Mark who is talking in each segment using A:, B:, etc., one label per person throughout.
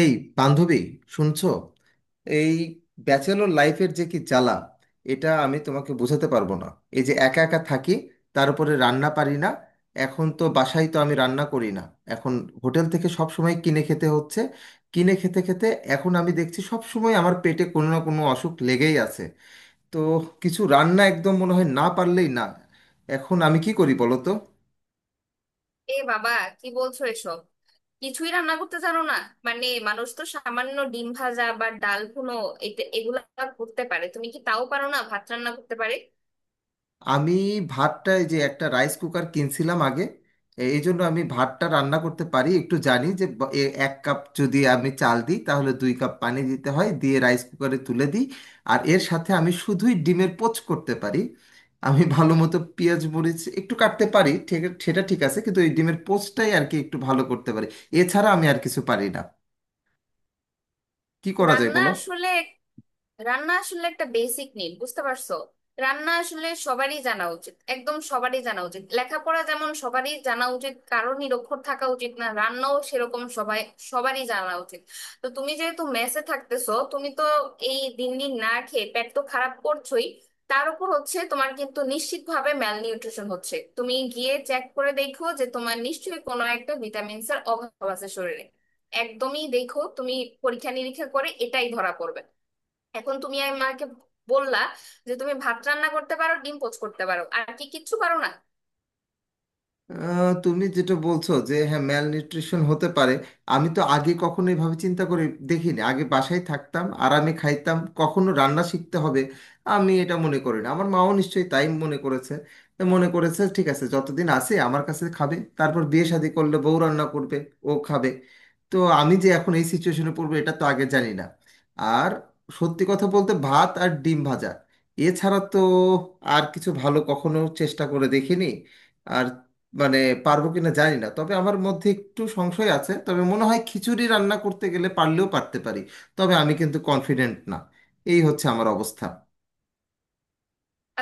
A: এই বান্ধবী, শুনছো? এই ব্যাচেলর লাইফের যে কি জ্বালা এটা আমি তোমাকে বোঝাতে পারবো না। এই যে একা একা থাকি, তার উপরে রান্না পারি না। এখন তো বাসায় তো আমি রান্না করি না। এখন হোটেল থেকে সব সময় কিনে খেতে হচ্ছে। কিনে খেতে খেতে এখন আমি দেখছি সব সময় আমার পেটে কোনো না কোনো অসুখ লেগেই আছে। তো কিছু রান্না একদম মনে হয় না পারলেই না। এখন আমি কি করি বলো তো?
B: এ বাবা, কি বলছো এসব? কিছুই রান্না করতে জানো না? মানে মানুষ তো সামান্য ডিম ভাজা বা ডাল ভুনো এগুলা করতে পারে। তুমি কি তাও পারো না? ভাত রান্না করতে পারে?
A: আমি ভাতটায় যে একটা রাইস কুকার কিনছিলাম আগে, এই জন্য আমি ভাতটা রান্না করতে পারি, একটু জানি যে এক কাপ যদি আমি চাল দিই তাহলে দুই কাপ পানি দিতে হয়, দিয়ে রাইস কুকারে তুলে দিই। আর এর সাথে আমি শুধুই ডিমের পোচ করতে পারি। আমি ভালো মতো পেঁয়াজ মরিচ একটু কাটতে পারি, ঠিক সেটা ঠিক আছে, কিন্তু এই ডিমের পোচটাই আর কি একটু ভালো করতে পারি। এছাড়া আমি আর কিছু পারি না। কি করা যায়
B: রান্না
A: বলো?
B: আসলে রান্না আসলে একটা বেসিক নিড, বুঝতে পারছো? রান্না আসলে সবারই জানা উচিত, একদম সবারই জানা উচিত। লেখাপড়া যেমন সবারই জানা উচিত, কারো নিরক্ষর থাকা উচিত না, রান্নাও সেরকম। সবারই জানা উচিত। তো তুমি যেহেতু মেসে থাকতেছো, তুমি তো এই দিন দিন না খেয়ে পেট তো খারাপ করছোই। তার উপর হচ্ছে তোমার কিন্তু নিশ্চিতভাবে ম্যালনিউট্রিশন হচ্ছে। তুমি গিয়ে চেক করে দেখো যে তোমার নিশ্চয়ই কোনো একটা ভিটামিনস এর অভাব আছে শরীরে। একদমই দেখো তুমি, পরীক্ষা নিরীক্ষা করে এটাই ধরা পড়বে। এখন তুমি আমাকে বললা যে তুমি ভাত রান্না করতে পারো, ডিম পোচ করতে পারো, আর কি কিচ্ছু পারো না।
A: তুমি যেটা বলছো যে হ্যাঁ, ম্যাল নিউট্রিশন হতে পারে। আমি তো আগে কখনো এভাবে চিন্তা করে দেখিনি। আগে বাসায় থাকতাম, আরামে খাইতাম, কখনো রান্না শিখতে হবে আমি এটা মনে করি না। আমার মাও নিশ্চয়ই তাই মনে করেছে। তা মনে করেছে, ঠিক আছে, যতদিন আছে আমার কাছে খাবে, তারপর বিয়ে শাদী করলে বউ রান্না করবে, ও খাবে। তো আমি যে এখন এই সিচুয়েশনে পড়বো এটা তো আগে জানি না। আর সত্যি কথা বলতে, ভাত আর ডিম ভাজা, এছাড়া তো আর কিছু ভালো কখনো চেষ্টা করে দেখিনি। আর মানে পারবো কিনা জানি না, তবে আমার মধ্যে একটু সংশয় আছে, তবে মনে হয় খিচুড়ি রান্না করতে গেলে পারলেও পারতে পারি। তবে আমি কিন্তু কনফিডেন্ট না। এই হচ্ছে আমার অবস্থা।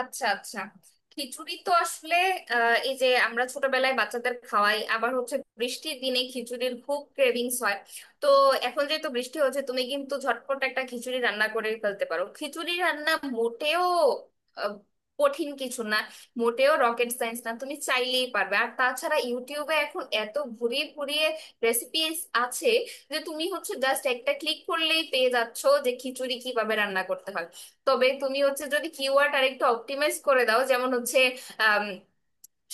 B: আচ্ছা আচ্ছা, খিচুড়ি তো আসলে এই যে আমরা ছোটবেলায় বাচ্চাদের খাওয়াই, আবার হচ্ছে বৃষ্টির দিনে খিচুড়ির খুব ক্রেভিংস হয়। তো এখন যেহেতু বৃষ্টি হচ্ছে, তুমি কিন্তু ঝটপট একটা খিচুড়ি রান্না করে ফেলতে পারো। খিচুড়ি রান্না মোটেও আহ, কঠিন কিছু না, মোটেও রকেট সায়েন্স না। তুমি চাইলেই পারবে। আর তাছাড়া ইউটিউবে এখন এত ঘুরিয়ে ঘুরিয়ে রেসিপিস আছে যে তুমি হচ্ছে জাস্ট একটা ক্লিক করলেই পেয়ে যাচ্ছো যে খিচুড়ি কিভাবে রান্না করতে হয়। তবে তুমি হচ্ছে যদি কিওয়ার্ড আর একটু অপটিমাইজ করে দাও, যেমন হচ্ছে আম,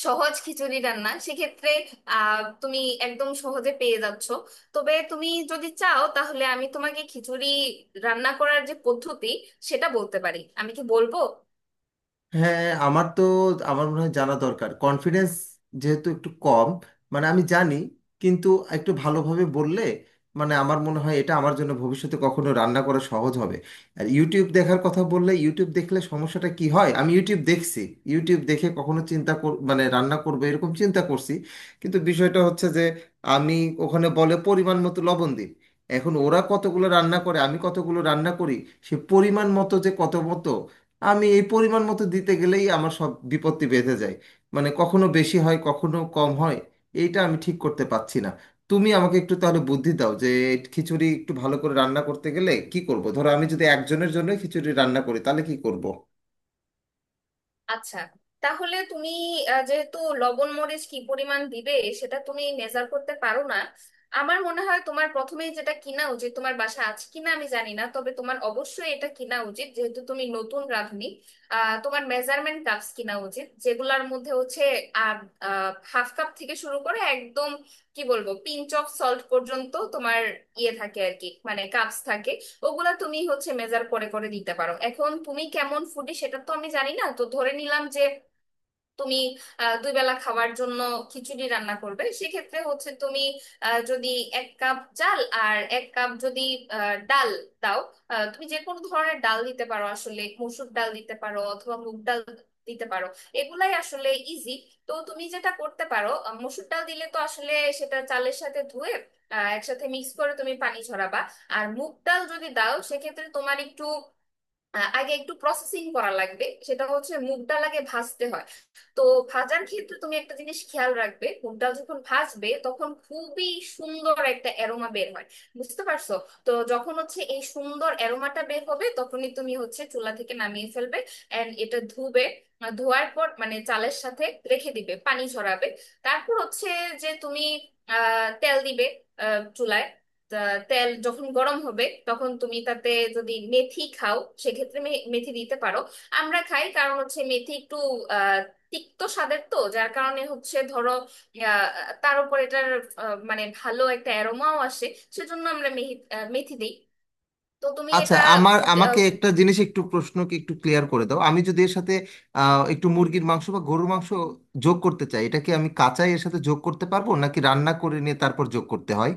B: সহজ খিচুড়ি রান্না, সেক্ষেত্রে তুমি একদম সহজে পেয়ে যাচ্ছ। তবে তুমি যদি চাও তাহলে আমি তোমাকে খিচুড়ি রান্না করার যে পদ্ধতি সেটা বলতে পারি। আমি কি বলবো?
A: হ্যাঁ, আমার মনে হয় জানা দরকার, কনফিডেন্স যেহেতু একটু কম। মানে আমি জানি, কিন্তু একটু ভালোভাবে বললে মানে আমার মনে হয় এটা আমার জন্য ভবিষ্যতে কখনো রান্না করা সহজ হবে। আর ইউটিউব দেখার কথা বললে, ইউটিউব দেখলে সমস্যাটা কি হয়, আমি ইউটিউব দেখছি, ইউটিউব দেখে কখনো মানে রান্না করবো এরকম চিন্তা করছি। কিন্তু বিষয়টা হচ্ছে যে আমি, ওখানে বলে পরিমাণ মতো লবণ দিন। এখন ওরা কতগুলো রান্না করে, আমি কতগুলো রান্না করি। সে পরিমাণ মতো যে কত মতো, আমি এই পরিমাণ মতো দিতে গেলেই আমার সব বিপত্তি বেঁধে যায়। মানে কখনো বেশি হয় কখনো কম হয়। এইটা আমি ঠিক করতে পারছি না। তুমি আমাকে একটু তাহলে বুদ্ধি দাও যে এই খিচুড়ি একটু ভালো করে রান্না করতে গেলে কি করব। ধরো আমি যদি একজনের জন্য খিচুড়ি রান্না করি তাহলে কি করব?
B: আচ্ছা, তাহলে তুমি যেহেতু লবণ মরিচ কি পরিমাণ দিবে সেটা তুমি মেজার করতে পারো না, আমার মনে হয় তোমার প্রথমেই যেটা কিনা উচিত, তোমার বাসা আছে কিনা আমি জানি না, তবে তোমার অবশ্যই এটা কিনা উচিত, যেহেতু তুমি নতুন রাঁধুনি, তোমার মেজারমেন্ট কাপস কিনা উচিত, যেগুলার মধ্যে হচ্ছে হাফ কাপ থেকে শুরু করে একদম কি বলবো পিঞ্চ অফ সল্ট পর্যন্ত তোমার ইয়ে থাকে আর কি, মানে কাপস থাকে। ওগুলা তুমি হচ্ছে মেজার করে করে দিতে পারো। এখন তুমি কেমন ফুডি সেটা তো আমি জানি না, তো ধরে নিলাম যে তুমি দুই বেলা খাওয়ার জন্য খিচুড়ি রান্না করবে। সেক্ষেত্রে হচ্ছে তুমি যদি এক কাপ চাল আর এক কাপ যদি ডাল দাও, তুমি যে কোনো ধরনের ডাল দিতে পারো আসলে। মসুর ডাল দিতে পারো অথবা মুগ ডাল দিতে পারো। এগুলাই আসলে ইজি। তো তুমি যেটা করতে পারো, মসুর ডাল দিলে তো আসলে সেটা চালের সাথে ধুয়ে একসাথে মিক্স করে তুমি পানি ঝরাবা। আর মুগ ডাল যদি দাও সেক্ষেত্রে তোমার একটু আগে একটু প্রসেসিং করা লাগবে। সেটা হচ্ছে মুগ ডাল আগে ভাজতে হয়। তো ভাজার ক্ষেত্রে তুমি একটা জিনিস খেয়াল রাখবে, মুগ ডাল যখন ভাজবে তখন খুবই সুন্দর একটা অ্যারোমা বের হয়, বুঝতে পারছো? তো যখন হচ্ছে এই সুন্দর অ্যারোমাটা বের হবে তখনই তুমি হচ্ছে চুলা থেকে নামিয়ে ফেলবে এন্ড এটা ধুবে। ধোয়ার পর মানে চালের সাথে রেখে দিবে, পানি ঝরাবে। তারপর হচ্ছে যে তুমি আহ তেল দিবে চুলায়। তা- তেল যখন গরম হবে তখন তুমি তাতে যদি মেথি খাও সেক্ষেত্রে মেথি দিতে পারো। আমরা খাই, কারণ হচ্ছে মেথি একটু আহ, তিক্ত স্বাদের। তো যার কারণে হচ্ছে ধরো আহ, তার উপর এটার মানে ভালো একটা অ্যারোমাও আসে, সেজন্য আমরা মেহি মেথি দিই। তো তুমি
A: আচ্ছা,
B: এটা ফুট।
A: আমাকে একটা জিনিস একটু, প্রশ্নকে একটু ক্লিয়ার করে দাও। আমি যদি এর সাথে একটু মুরগির মাংস বা গরুর মাংস যোগ করতে চাই, এটা কি আমি কাঁচাই এর সাথে যোগ করতে পারবো, নাকি রান্না করে নিয়ে তারপর যোগ করতে হয়?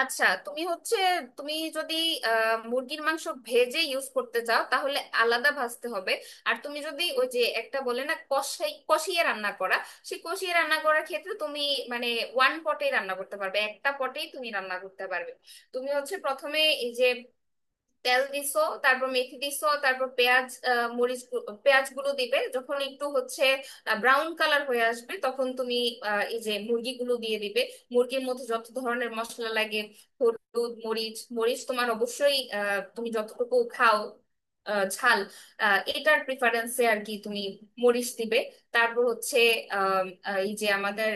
B: আচ্ছা তুমি হচ্ছে তুমি যদি মুরগির মাংস ভেজে ইউজ করতে চাও তাহলে আলাদা ভাজতে হবে। আর তুমি যদি ওই যে একটা বলে না কষাই কষিয়ে রান্না করা, সেই কষিয়ে রান্না করার ক্ষেত্রে তুমি মানে ওয়ান পটে রান্না করতে পারবে, একটা পটেই তুমি রান্না করতে পারবে। তুমি হচ্ছে প্রথমে এই যে তেল দিছো, তারপর মেথি দিছো, তারপর পেঁয়াজ পেঁয়াজ গুলো দিবে। যখন একটু হচ্ছে ব্রাউন কালার হয়ে আসবে তখন তুমি এই যে মুরগিগুলো দিয়ে দিবে। মুরগির মধ্যে যত ধরনের মশলা লাগে, হলুদ মরিচ মরিচ তোমার অবশ্যই, তুমি যতটুকু খাও ঝাল, এটার প্রিফারেন্সে আর কি, তুমি মরিচ দিবে। তারপর হচ্ছে এই যে আমাদের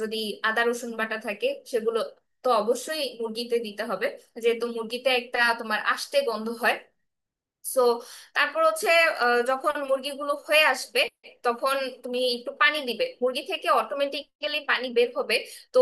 B: যদি আদা রসুন বাটা থাকে, সেগুলো তো অবশ্যই মুরগিতে দিতে হবে, যেহেতু মুরগিতে একটা তোমার আষ্টে গন্ধ হয়। সো তারপর হচ্ছে যখন মুরগিগুলো হয়ে আসবে তখন তুমি একটু পানি দিবে, মুরগি থেকে অটোমেটিক্যালি পানি বের হবে। তো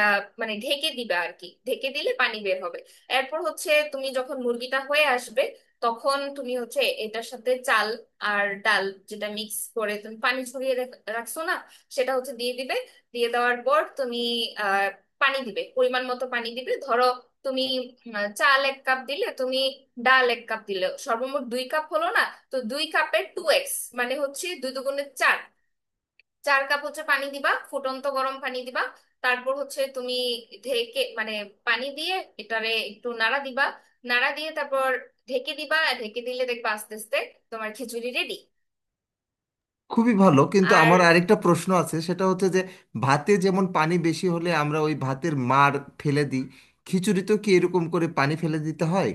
B: মানে ঢেকে দিবে আর কি, ঢেকে দিলে পানি বের হবে। এরপর হচ্ছে তুমি যখন মুরগিটা হয়ে আসবে তখন তুমি হচ্ছে এটার সাথে চাল আর ডাল যেটা মিক্স করে তুমি পানি ছড়িয়ে রাখছো না, সেটা হচ্ছে দিয়ে দিবে। দিয়ে দেওয়ার পর তুমি আহ পানি দিবে, পরিমাণ মতো পানি দিবে। ধরো তুমি চাল এক কাপ দিলে, তুমি ডাল এক কাপ দিলে, সর্বমোট দুই কাপ হলো না? তো দুই কাপের টু এক্স মানে হচ্ছে দুই দুগুণে চার, চার কাপ হচ্ছে পানি দিবা, ফুটন্ত গরম পানি দিবা। তারপর হচ্ছে তুমি ঢেকে মানে পানি দিয়ে এটারে একটু নাড়া দিবা, নাড়া দিয়ে তারপর ঢেকে দিবা, আর ঢেকে দিলে দেখবা আস্তে আস্তে তোমার খিচুড়ি রেডি।
A: খুবই ভালো, কিন্তু
B: আর
A: আমার আরেকটা প্রশ্ন আছে, সেটা হচ্ছে যে ভাতে যেমন পানি বেশি হলে আমরা ওই ভাতের মাড় ফেলে দিই, খিচুড়িতেও কি এরকম করে পানি ফেলে দিতে হয়?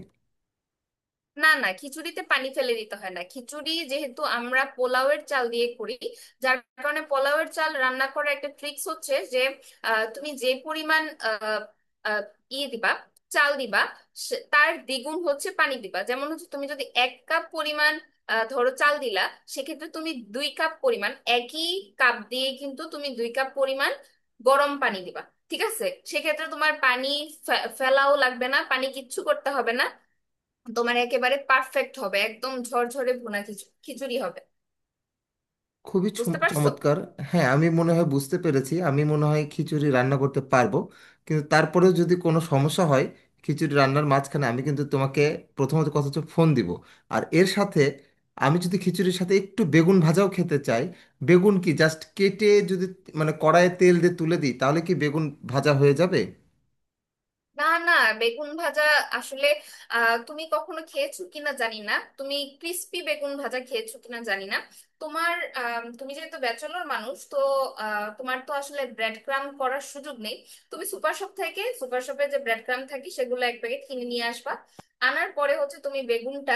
B: না না, খিচুড়িতে পানি ফেলে দিতে হয় না। খিচুড়ি যেহেতু আমরা পোলাওয়ের চাল দিয়ে করি, যার কারণে পোলাওয়ের চাল রান্না করার একটা ট্রিক্স হচ্ছে যে তুমি যে পরিমাণ আহ, আহ, ইয়ে দিবা, চাল দিবা, তার দ্বিগুণ হচ্ছে পানি দিবা। যেমন হচ্ছে তুমি যদি এক কাপ পরিমাণ ধরো চাল দিলা, সেক্ষেত্রে তুমি দুই কাপ পরিমাণ, একই কাপ দিয়ে কিন্তু তুমি দুই কাপ পরিমাণ গরম পানি দিবা, ঠিক আছে? সেক্ষেত্রে তোমার পানি ফেলাও লাগবে না, পানি কিচ্ছু করতে হবে না। তোমার একেবারে পারফেক্ট হবে, একদম ঝরঝরে ভুনা খিচুড়ি হবে,
A: খুবই
B: বুঝতে পারছো?
A: চমৎকার। হ্যাঁ, আমি মনে হয় বুঝতে পেরেছি। আমি মনে হয় খিচুড়ি রান্না করতে পারবো। কিন্তু তারপরেও যদি কোনো সমস্যা হয় খিচুড়ি রান্নার মাঝখানে, আমি কিন্তু তোমাকে, প্রথমত কথা হচ্ছে, ফোন দিব। আর এর সাথে আমি যদি খিচুড়ির সাথে একটু বেগুন ভাজাও খেতে চাই, বেগুন কি জাস্ট কেটে যদি মানে কড়াইয়ে তেল দিয়ে তুলে দিই তাহলে কি বেগুন ভাজা হয়ে যাবে?
B: না না, বেগুন ভাজা আসলে তুমি কখনো খেয়েছো কিনা জানি না, তুমি ক্রিস্পি বেগুন ভাজা খেয়েছো কিনা জানি না। তোমার তুমি যেহেতু ব্যাচেলর মানুষ, তো তোমার তো আসলে ব্রেড ক্রাম করার সুযোগ নেই। তুমি সুপার শপ থেকে, সুপার শপে যে ব্রেড ক্রাম থাকে সেগুলো এক প্যাকেট কিনে নিয়ে আসবা। আনার পরে হচ্ছে তুমি বেগুনটা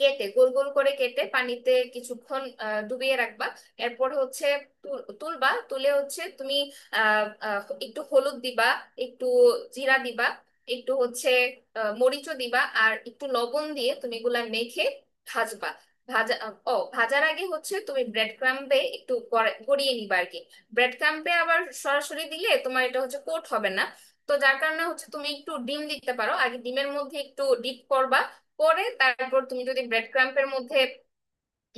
B: কেটে, গোল গোল করে কেটে, পানিতে কিছুক্ষণ ডুবিয়ে রাখবা। এরপর হচ্ছে তুলবা, তুলে হচ্ছে তুমি আহ, আহ, একটু হলুদ দিবা, একটু জিরা দিবা, একটু হচ্ছে মরিচও দিবা, আর একটু লবণ দিয়ে তুমি এগুলা মেখে ভাজবা। ভাজা ও ভাজার আগে হচ্ছে তুমি ব্রেড ক্রাম্বে একটু গড়িয়ে নিবা আর কি। ব্রেড ক্রাম্বে আবার সরাসরি দিলে তোমার এটা হচ্ছে কোট হবে না। তো যার কারণে হচ্ছে তুমি একটু ডিম দিতে পারো, আগে ডিমের মধ্যে একটু ডিপ করবা, পরে তারপর তুমি যদি ব্রেড ক্রাম্পের মধ্যে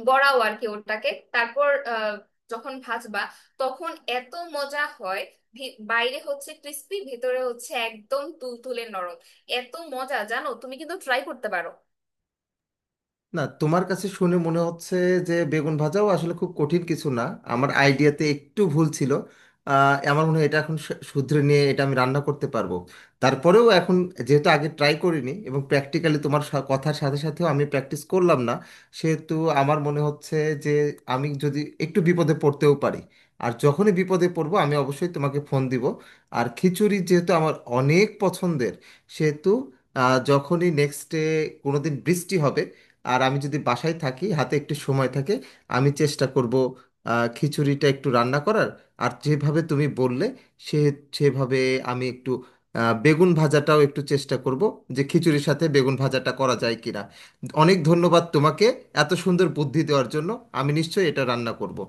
B: বড়াও আর কি ওটাকে, তারপর যখন ভাজবা তখন এত মজা হয়। বাইরে হচ্ছে ক্রিস্পি, ভেতরে হচ্ছে একদম তুলতুলে নরম। এত মজা জানো, তুমি কিন্তু ট্রাই করতে পারো।
A: না, তোমার কাছে শুনে মনে হচ্ছে যে বেগুন ভাজাও আসলে খুব কঠিন কিছু না। আমার আইডিয়াতে একটু ভুল ছিল। আমার মনে হয় এটা এখন শুধরে নিয়ে এটা আমি রান্না করতে পারবো। তারপরেও এখন যেহেতু আগে ট্রাই করিনি এবং প্র্যাকটিক্যালি তোমার কথার সাথে সাথেও আমি প্র্যাকটিস করলাম না, সেহেতু আমার মনে হচ্ছে যে আমি যদি একটু বিপদে পড়তেও পারি। আর যখনই বিপদে পড়বো, আমি অবশ্যই তোমাকে ফোন দিব। আর খিচুড়ি যেহেতু আমার অনেক পছন্দের, সেহেতু যখনই নেক্সট ডে কোনোদিন বৃষ্টি হবে আর আমি যদি বাসায় থাকি, হাতে একটু সময় থাকে, আমি চেষ্টা করব খিচুড়িটা একটু রান্না করার। আর যেভাবে তুমি বললে সে সেভাবে আমি একটু বেগুন ভাজাটাও একটু চেষ্টা করব, যে খিচুড়ির সাথে বেগুন ভাজাটা করা যায় কিনা। অনেক ধন্যবাদ তোমাকে এত সুন্দর বুদ্ধি দেওয়ার জন্য। আমি নিশ্চয়ই এটা রান্না করব।